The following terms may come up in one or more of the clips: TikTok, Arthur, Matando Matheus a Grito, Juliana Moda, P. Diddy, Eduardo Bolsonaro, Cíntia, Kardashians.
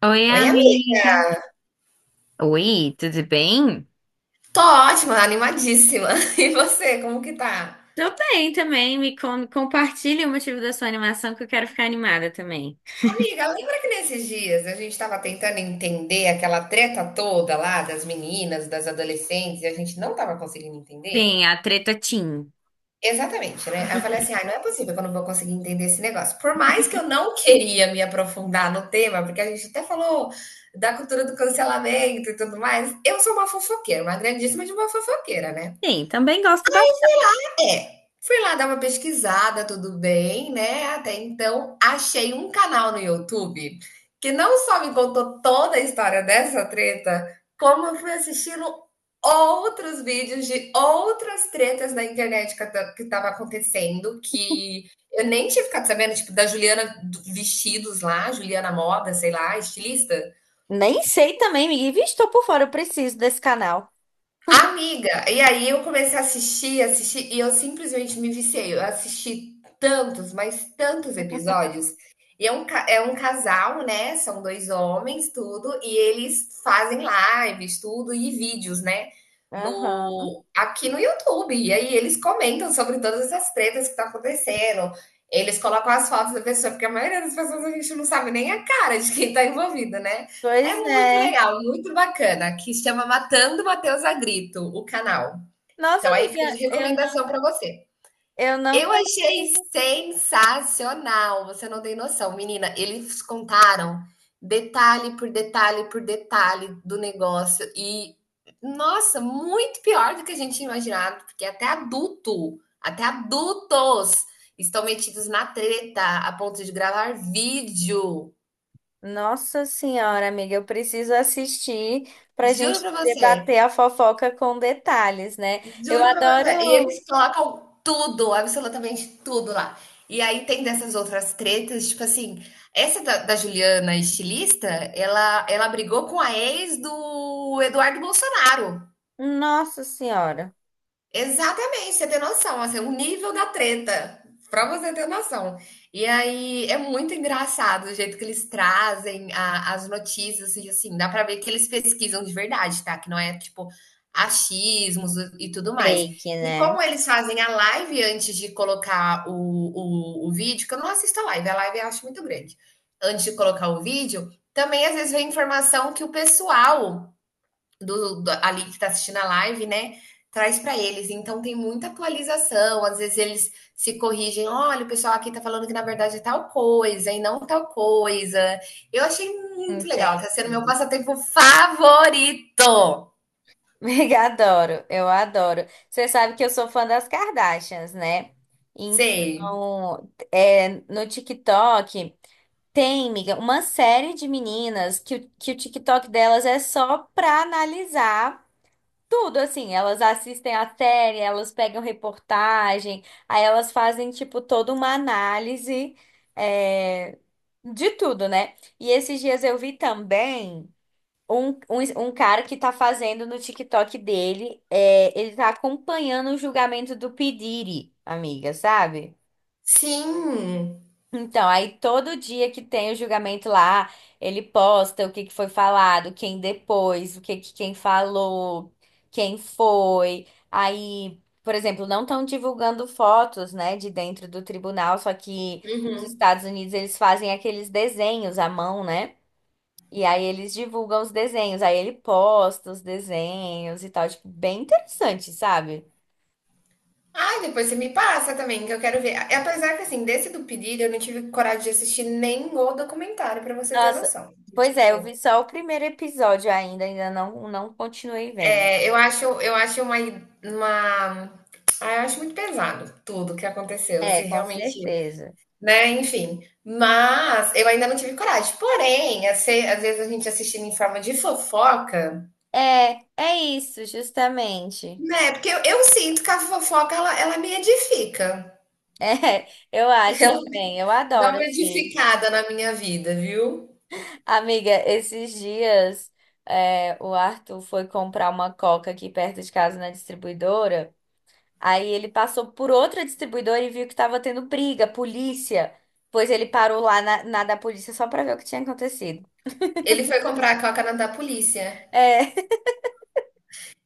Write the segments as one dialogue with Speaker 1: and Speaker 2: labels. Speaker 1: Oi,
Speaker 2: Oi, amiga.
Speaker 1: amiga. Oi, tudo bem?
Speaker 2: Tô ótima, animadíssima. E você, como que tá?
Speaker 1: Tô bem também, compartilhe o motivo da sua animação que eu quero ficar animada também.
Speaker 2: Amiga, lembra que nesses dias a gente tava tentando entender aquela treta toda lá das meninas, das adolescentes, e a gente não tava conseguindo entender?
Speaker 1: Sim, a treta Tim.
Speaker 2: Exatamente, né? Aí eu falei assim, ai, não é possível que eu não vou conseguir entender esse negócio. Por mais que eu não queria me aprofundar no tema, porque a gente até falou da cultura do cancelamento e tudo mais, eu sou uma fofoqueira, uma grandíssima de uma fofoqueira, né?
Speaker 1: Sim, também gosto bastante.
Speaker 2: É, fui lá dar uma pesquisada, tudo bem, né? Até então, achei um canal no YouTube que não só me contou toda a história dessa treta, como eu fui assistindo outros vídeos de outras tretas na internet que tava acontecendo, que eu nem tinha ficado sabendo, tipo, da Vestidos lá, Juliana Moda, sei lá, estilista.
Speaker 1: Nem sei também, amiga. Ih, Vixe, tô por fora, eu preciso desse canal.
Speaker 2: Amiga, e aí eu comecei a assistir, assistir, e eu simplesmente me viciei. Eu assisti tantos, mas tantos episódios. E é um casal, né? São dois homens, tudo, e eles fazem lives, tudo, e vídeos, né?
Speaker 1: Aham.
Speaker 2: No, aqui no YouTube. E aí eles comentam sobre todas essas tretas que tá acontecendo. Eles colocam as fotos da pessoa, porque a maioria das pessoas a gente não sabe nem a cara de quem tá envolvido, né?
Speaker 1: Pois
Speaker 2: É muito
Speaker 1: é.
Speaker 2: legal, muito bacana, que chama Matando Matheus a Grito, o canal.
Speaker 1: Nossa,
Speaker 2: Então aí fica de
Speaker 1: amiga,
Speaker 2: recomendação para você.
Speaker 1: eu não
Speaker 2: Eu
Speaker 1: conheço.
Speaker 2: achei sensacional, você não tem noção, menina. Eles contaram detalhe por detalhe por detalhe do negócio e nossa, muito pior do que a gente tinha imaginado, porque até adultos estão metidos na treta a ponto de gravar vídeo.
Speaker 1: Nossa senhora, amiga, eu preciso assistir pra
Speaker 2: Juro
Speaker 1: gente
Speaker 2: para você.
Speaker 1: debater a fofoca com detalhes, né? Eu
Speaker 2: Juro pra você. E
Speaker 1: adoro.
Speaker 2: eles colocam tudo, absolutamente tudo lá. E aí tem dessas outras tretas, tipo assim, essa da Juliana, estilista, ela brigou com a ex do Eduardo Bolsonaro.
Speaker 1: Nossa senhora.
Speaker 2: Exatamente, você tem noção, assim, o nível da treta, pra você ter noção. E aí é muito engraçado o jeito que eles trazem as notícias, e assim, dá pra ver que eles pesquisam de verdade, tá? Que não é tipo achismos e tudo mais.
Speaker 1: Fake,
Speaker 2: E
Speaker 1: né?
Speaker 2: como eles fazem a live antes de colocar o vídeo, que eu não assisto a live eu acho muito grande. Antes de colocar o vídeo, também às vezes vem informação que o pessoal ali que está assistindo a live, né? Traz para eles. Então tem muita atualização. Às vezes eles se corrigem. Olha, o pessoal aqui está falando que na verdade é tal coisa e não tal coisa. Eu achei muito legal.
Speaker 1: Entendi.
Speaker 2: Está sendo meu passatempo favorito.
Speaker 1: Adoro, eu adoro. Você sabe que eu sou fã das Kardashians, né?
Speaker 2: Sei.
Speaker 1: Então, no TikTok tem, miga, uma série de meninas que, que o TikTok delas é só pra analisar tudo, assim. Elas assistem a série, elas pegam reportagem, aí elas fazem, tipo, toda uma análise, é, de tudo, né? E esses dias eu vi também. Um cara que tá fazendo no TikTok dele, ele tá acompanhando o julgamento do P. Diddy, amiga, sabe?
Speaker 2: Sim.
Speaker 1: Então, aí todo dia que tem o julgamento lá, ele posta o que que foi falado, quem depois, o que que quem falou, quem foi. Aí, por exemplo, não estão divulgando fotos, né, de dentro do tribunal, só que nos
Speaker 2: Uhum.
Speaker 1: Estados Unidos eles fazem aqueles desenhos à mão, né? E aí eles divulgam os desenhos, aí ele posta os desenhos e tal, tipo, bem interessante, sabe?
Speaker 2: Ah, depois você me passa também, que eu quero ver. Apesar que, assim, desse do pedido, eu não tive coragem de assistir nem o documentário, para você ter
Speaker 1: Nossa,
Speaker 2: noção.
Speaker 1: pois é, eu
Speaker 2: Tipo,
Speaker 1: vi só o primeiro episódio ainda, ainda não, não continuei vendo.
Speaker 2: é, eu acho uma, ah, eu acho muito pesado tudo que aconteceu, se
Speaker 1: É, com
Speaker 2: realmente,
Speaker 1: certeza.
Speaker 2: né, enfim. Mas eu ainda não tive coragem. Porém, às vezes a gente assistindo em forma de fofoca,
Speaker 1: É, é isso, justamente.
Speaker 2: né? Porque eu sinto que a fofoca ela me edifica.
Speaker 1: É, eu acho
Speaker 2: Ela
Speaker 1: também, eu
Speaker 2: dá
Speaker 1: adoro,
Speaker 2: uma
Speaker 1: assim.
Speaker 2: edificada na minha vida, viu?
Speaker 1: Amiga, esses dias, o Arthur foi comprar uma coca aqui perto de casa na distribuidora. Aí ele passou por outra distribuidora e viu que estava tendo briga, polícia. Pois ele parou lá na da polícia só para ver o que tinha acontecido.
Speaker 2: Ele foi comprar a coca na da polícia.
Speaker 1: É.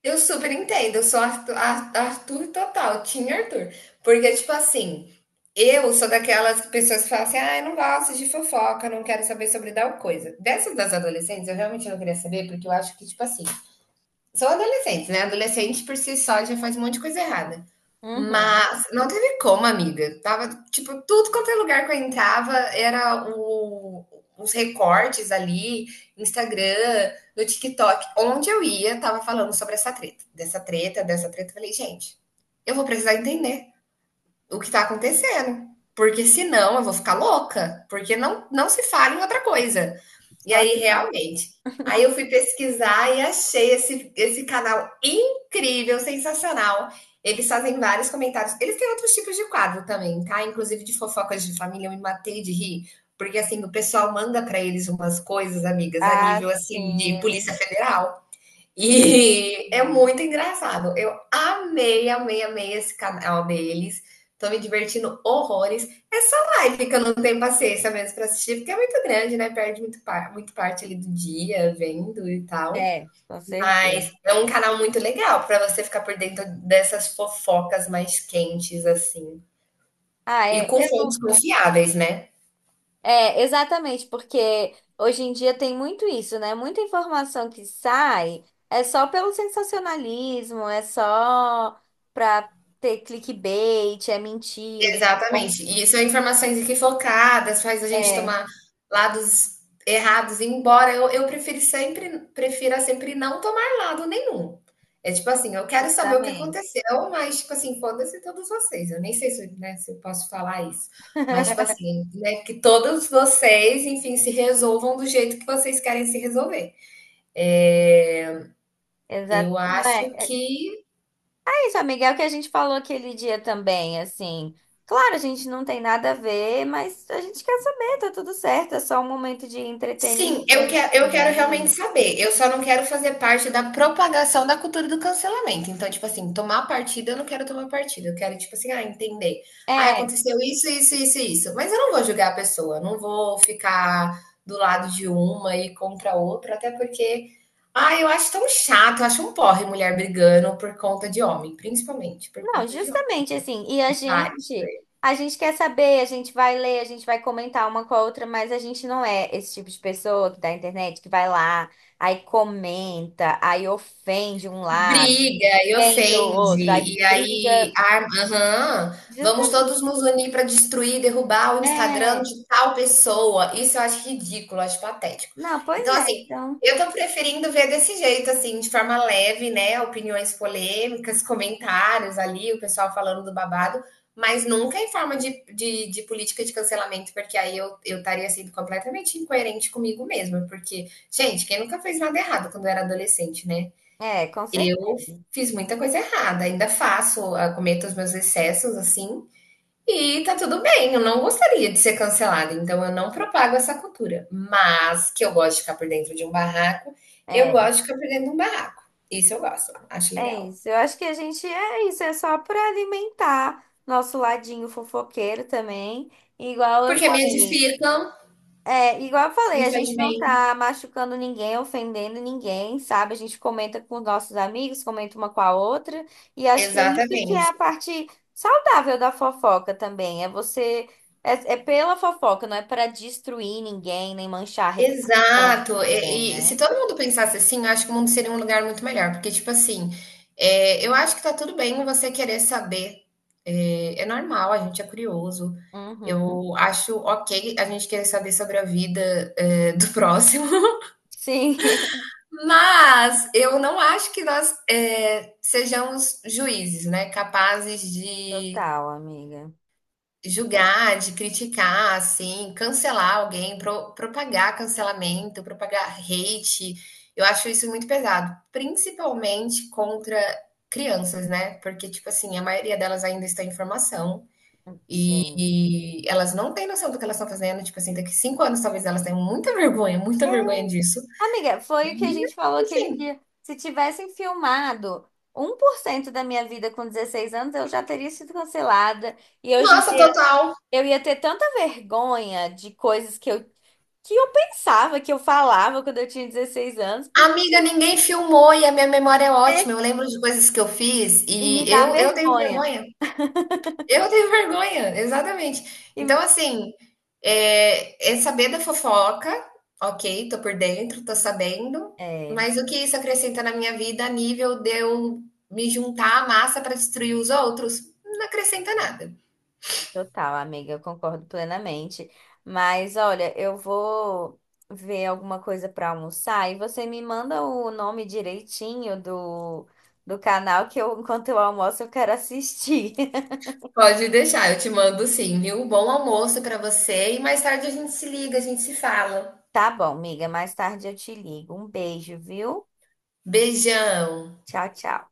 Speaker 2: Eu super entendo, eu sou Arthur total, Team Arthur. Porque, tipo assim, eu sou daquelas pessoas que falam assim, ah, eu não gosto de fofoca, não quero saber sobre tal coisa. Dessas das adolescentes, eu realmente não queria saber, porque eu acho que, tipo assim, são adolescentes, né? Adolescente por si só já faz um monte de coisa errada.
Speaker 1: Uhum.
Speaker 2: Mas não teve como, amiga. Tava, tipo, tudo quanto é lugar que eu entrava era os recortes ali, Instagram, no TikTok. Onde eu ia, tava falando sobre essa treta. Dessa treta, dessa treta. Eu falei, gente, eu vou precisar entender o que está acontecendo. Porque senão eu vou ficar louca, porque não se fala em outra coisa. E
Speaker 1: Só
Speaker 2: aí,
Speaker 1: se faz.
Speaker 2: realmente, aí eu fui pesquisar e achei esse canal incrível, sensacional. Eles fazem vários comentários. Eles têm outros tipos de quadro também, tá? Inclusive de fofocas de família, eu me matei de rir. Porque, assim, o pessoal manda para eles umas coisas, amigas, a
Speaker 1: Ah,
Speaker 2: nível, assim,
Speaker 1: sim,
Speaker 2: de
Speaker 1: eles
Speaker 2: Polícia Federal. E é
Speaker 1: entendem.
Speaker 2: muito engraçado. Eu amei, amei, amei esse canal deles. Tô me divertindo horrores. Essa live que eu não tenho paciência mesmo pra assistir, porque é muito grande, né? Perde muito, muito parte ali do dia vendo e tal.
Speaker 1: É, com certeza.
Speaker 2: Mas é um canal muito legal pra você ficar por dentro dessas fofocas mais quentes, assim.
Speaker 1: Ah,
Speaker 2: E
Speaker 1: é,
Speaker 2: com fontes
Speaker 1: eu-
Speaker 2: confiáveis, né?
Speaker 1: é, exatamente, porque hoje em dia tem muito isso, né? Muita informação que sai é só pelo sensacionalismo, é só pra ter clickbait, é mentira. Bom,
Speaker 2: Exatamente. E são informações equivocadas, faz a gente
Speaker 1: é.
Speaker 2: tomar lados errados, embora eu, prefira sempre não tomar lado nenhum. É tipo assim, eu quero saber o que
Speaker 1: Justamente.
Speaker 2: aconteceu, mas tipo assim, foda-se todos vocês. Eu nem sei se, né, se eu posso falar isso. Mas tipo assim, né, que todos vocês, enfim, se resolvam do jeito que vocês querem se resolver. É,
Speaker 1: Exato.
Speaker 2: eu acho
Speaker 1: É,
Speaker 2: que
Speaker 1: é isso, amiga, é o que a gente falou aquele dia também, assim. Claro, a gente não tem nada a ver, mas a gente quer saber, tá tudo certo, é só um momento de entretenimento
Speaker 2: sim, eu quero realmente
Speaker 1: também.
Speaker 2: saber. Eu só não quero fazer parte da propagação da cultura do cancelamento. Então, tipo assim, tomar partido, eu não quero tomar partido. Eu quero, tipo assim, ah, entender. Ah,
Speaker 1: É,
Speaker 2: aconteceu isso, isso, isso, e isso. Mas eu não vou julgar a pessoa, não vou ficar do lado de uma e contra a outra, até porque, ah, eu acho tão chato, eu acho um porre mulher brigando por conta de homem, principalmente por
Speaker 1: não,
Speaker 2: conta de homem.
Speaker 1: justamente assim.
Speaker 2: Tem vários.
Speaker 1: A gente quer saber, a gente vai ler, a gente vai comentar uma com a outra, mas a gente não é esse tipo de pessoa que da internet que vai lá, aí comenta, aí ofende um lado,
Speaker 2: Briga e
Speaker 1: ofende o outro,
Speaker 2: ofende,
Speaker 1: aí
Speaker 2: e aí,
Speaker 1: briga.
Speaker 2: ah, aham, vamos
Speaker 1: Justamente.
Speaker 2: todos nos unir para destruir, derrubar o Instagram de tal pessoa. Isso eu acho ridículo, acho patético.
Speaker 1: Não, pois
Speaker 2: Então,
Speaker 1: é,
Speaker 2: assim,
Speaker 1: então.
Speaker 2: eu tô preferindo ver desse jeito, assim, de forma leve, né? Opiniões polêmicas, comentários ali, o pessoal falando do babado, mas nunca em forma de política de cancelamento, porque aí eu estaria sendo completamente incoerente comigo mesma. Porque, gente, quem nunca fez nada errado quando era adolescente, né?
Speaker 1: É, com certeza.
Speaker 2: Eu fiz muita coisa errada, ainda faço, ah, cometo os meus excessos, assim, e tá tudo bem. Eu não gostaria de ser cancelada, então eu não propago essa cultura. Mas que eu gosto de ficar por dentro de um barraco, eu
Speaker 1: É,
Speaker 2: gosto de ficar por dentro de um barraco. Isso eu gosto, acho
Speaker 1: é
Speaker 2: legal.
Speaker 1: isso. Eu acho que a gente é isso, é só para alimentar nosso ladinho fofoqueiro também. Igual eu
Speaker 2: Porque me
Speaker 1: falei.
Speaker 2: edifica,
Speaker 1: É, igual eu falei,
Speaker 2: me
Speaker 1: a
Speaker 2: faz
Speaker 1: gente não
Speaker 2: bem.
Speaker 1: tá machucando ninguém, ofendendo ninguém, sabe? A gente comenta com os nossos amigos, comenta uma com a outra, e acho que é isso que é a
Speaker 2: Exatamente.
Speaker 1: parte saudável da fofoca também. É você é, é pela fofoca, não é para destruir ninguém, nem manchar a reputação
Speaker 2: Exato.
Speaker 1: de ninguém,
Speaker 2: E se
Speaker 1: né?
Speaker 2: todo mundo pensasse assim, eu acho que o mundo seria um lugar muito melhor. Porque, tipo assim, é, eu acho que tá tudo bem você querer saber. É, é normal, a gente é curioso.
Speaker 1: Uhum.
Speaker 2: Eu acho ok a gente querer saber sobre a vida, é, do próximo.
Speaker 1: Sim,
Speaker 2: Mas eu não acho que nós, é, sejamos juízes, né? Capazes de
Speaker 1: total, amiga.
Speaker 2: julgar, de criticar, assim, cancelar alguém, propagar cancelamento, propagar hate. Eu acho isso muito pesado, principalmente contra crianças, né? Porque, tipo assim, a maioria delas ainda está em formação e,
Speaker 1: Sim.
Speaker 2: e elas não têm noção do que elas estão fazendo. Tipo assim, daqui 5 anos talvez elas tenham muita vergonha disso.
Speaker 1: Amiga, foi o que a
Speaker 2: E,
Speaker 1: gente falou aquele
Speaker 2: enfim,
Speaker 1: dia. Se tivessem filmado 1% da minha vida com 16 anos, eu já teria sido cancelada. E hoje em
Speaker 2: nossa,
Speaker 1: dia
Speaker 2: total.
Speaker 1: eu ia ter tanta vergonha de coisas que eu pensava, que eu falava quando eu tinha 16 anos, porque,
Speaker 2: Amiga, ninguém filmou e a minha memória é ótima.
Speaker 1: é,
Speaker 2: Eu lembro de coisas que eu fiz
Speaker 1: e me
Speaker 2: e
Speaker 1: dá
Speaker 2: eu tenho
Speaker 1: vergonha.
Speaker 2: vergonha. Eu tenho vergonha, exatamente.
Speaker 1: E,
Speaker 2: Então, assim, é, é saber da fofoca, ok, tô por dentro, tô sabendo,
Speaker 1: é.
Speaker 2: mas o que isso acrescenta na minha vida a nível de eu me juntar à massa para destruir os outros? Não acrescenta nada.
Speaker 1: Total, amiga, eu concordo plenamente. Mas olha, eu vou ver alguma coisa para almoçar e você me manda o nome direitinho do, do canal que eu, enquanto eu almoço, eu quero assistir.
Speaker 2: Pode deixar, eu te mando sim, viu? Bom almoço para você e mais tarde a gente se liga, a gente se fala.
Speaker 1: Tá bom, amiga, mais tarde eu te ligo. Um beijo, viu?
Speaker 2: Beijão.
Speaker 1: Tchau, tchau.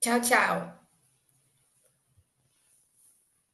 Speaker 2: Tchau, tchau.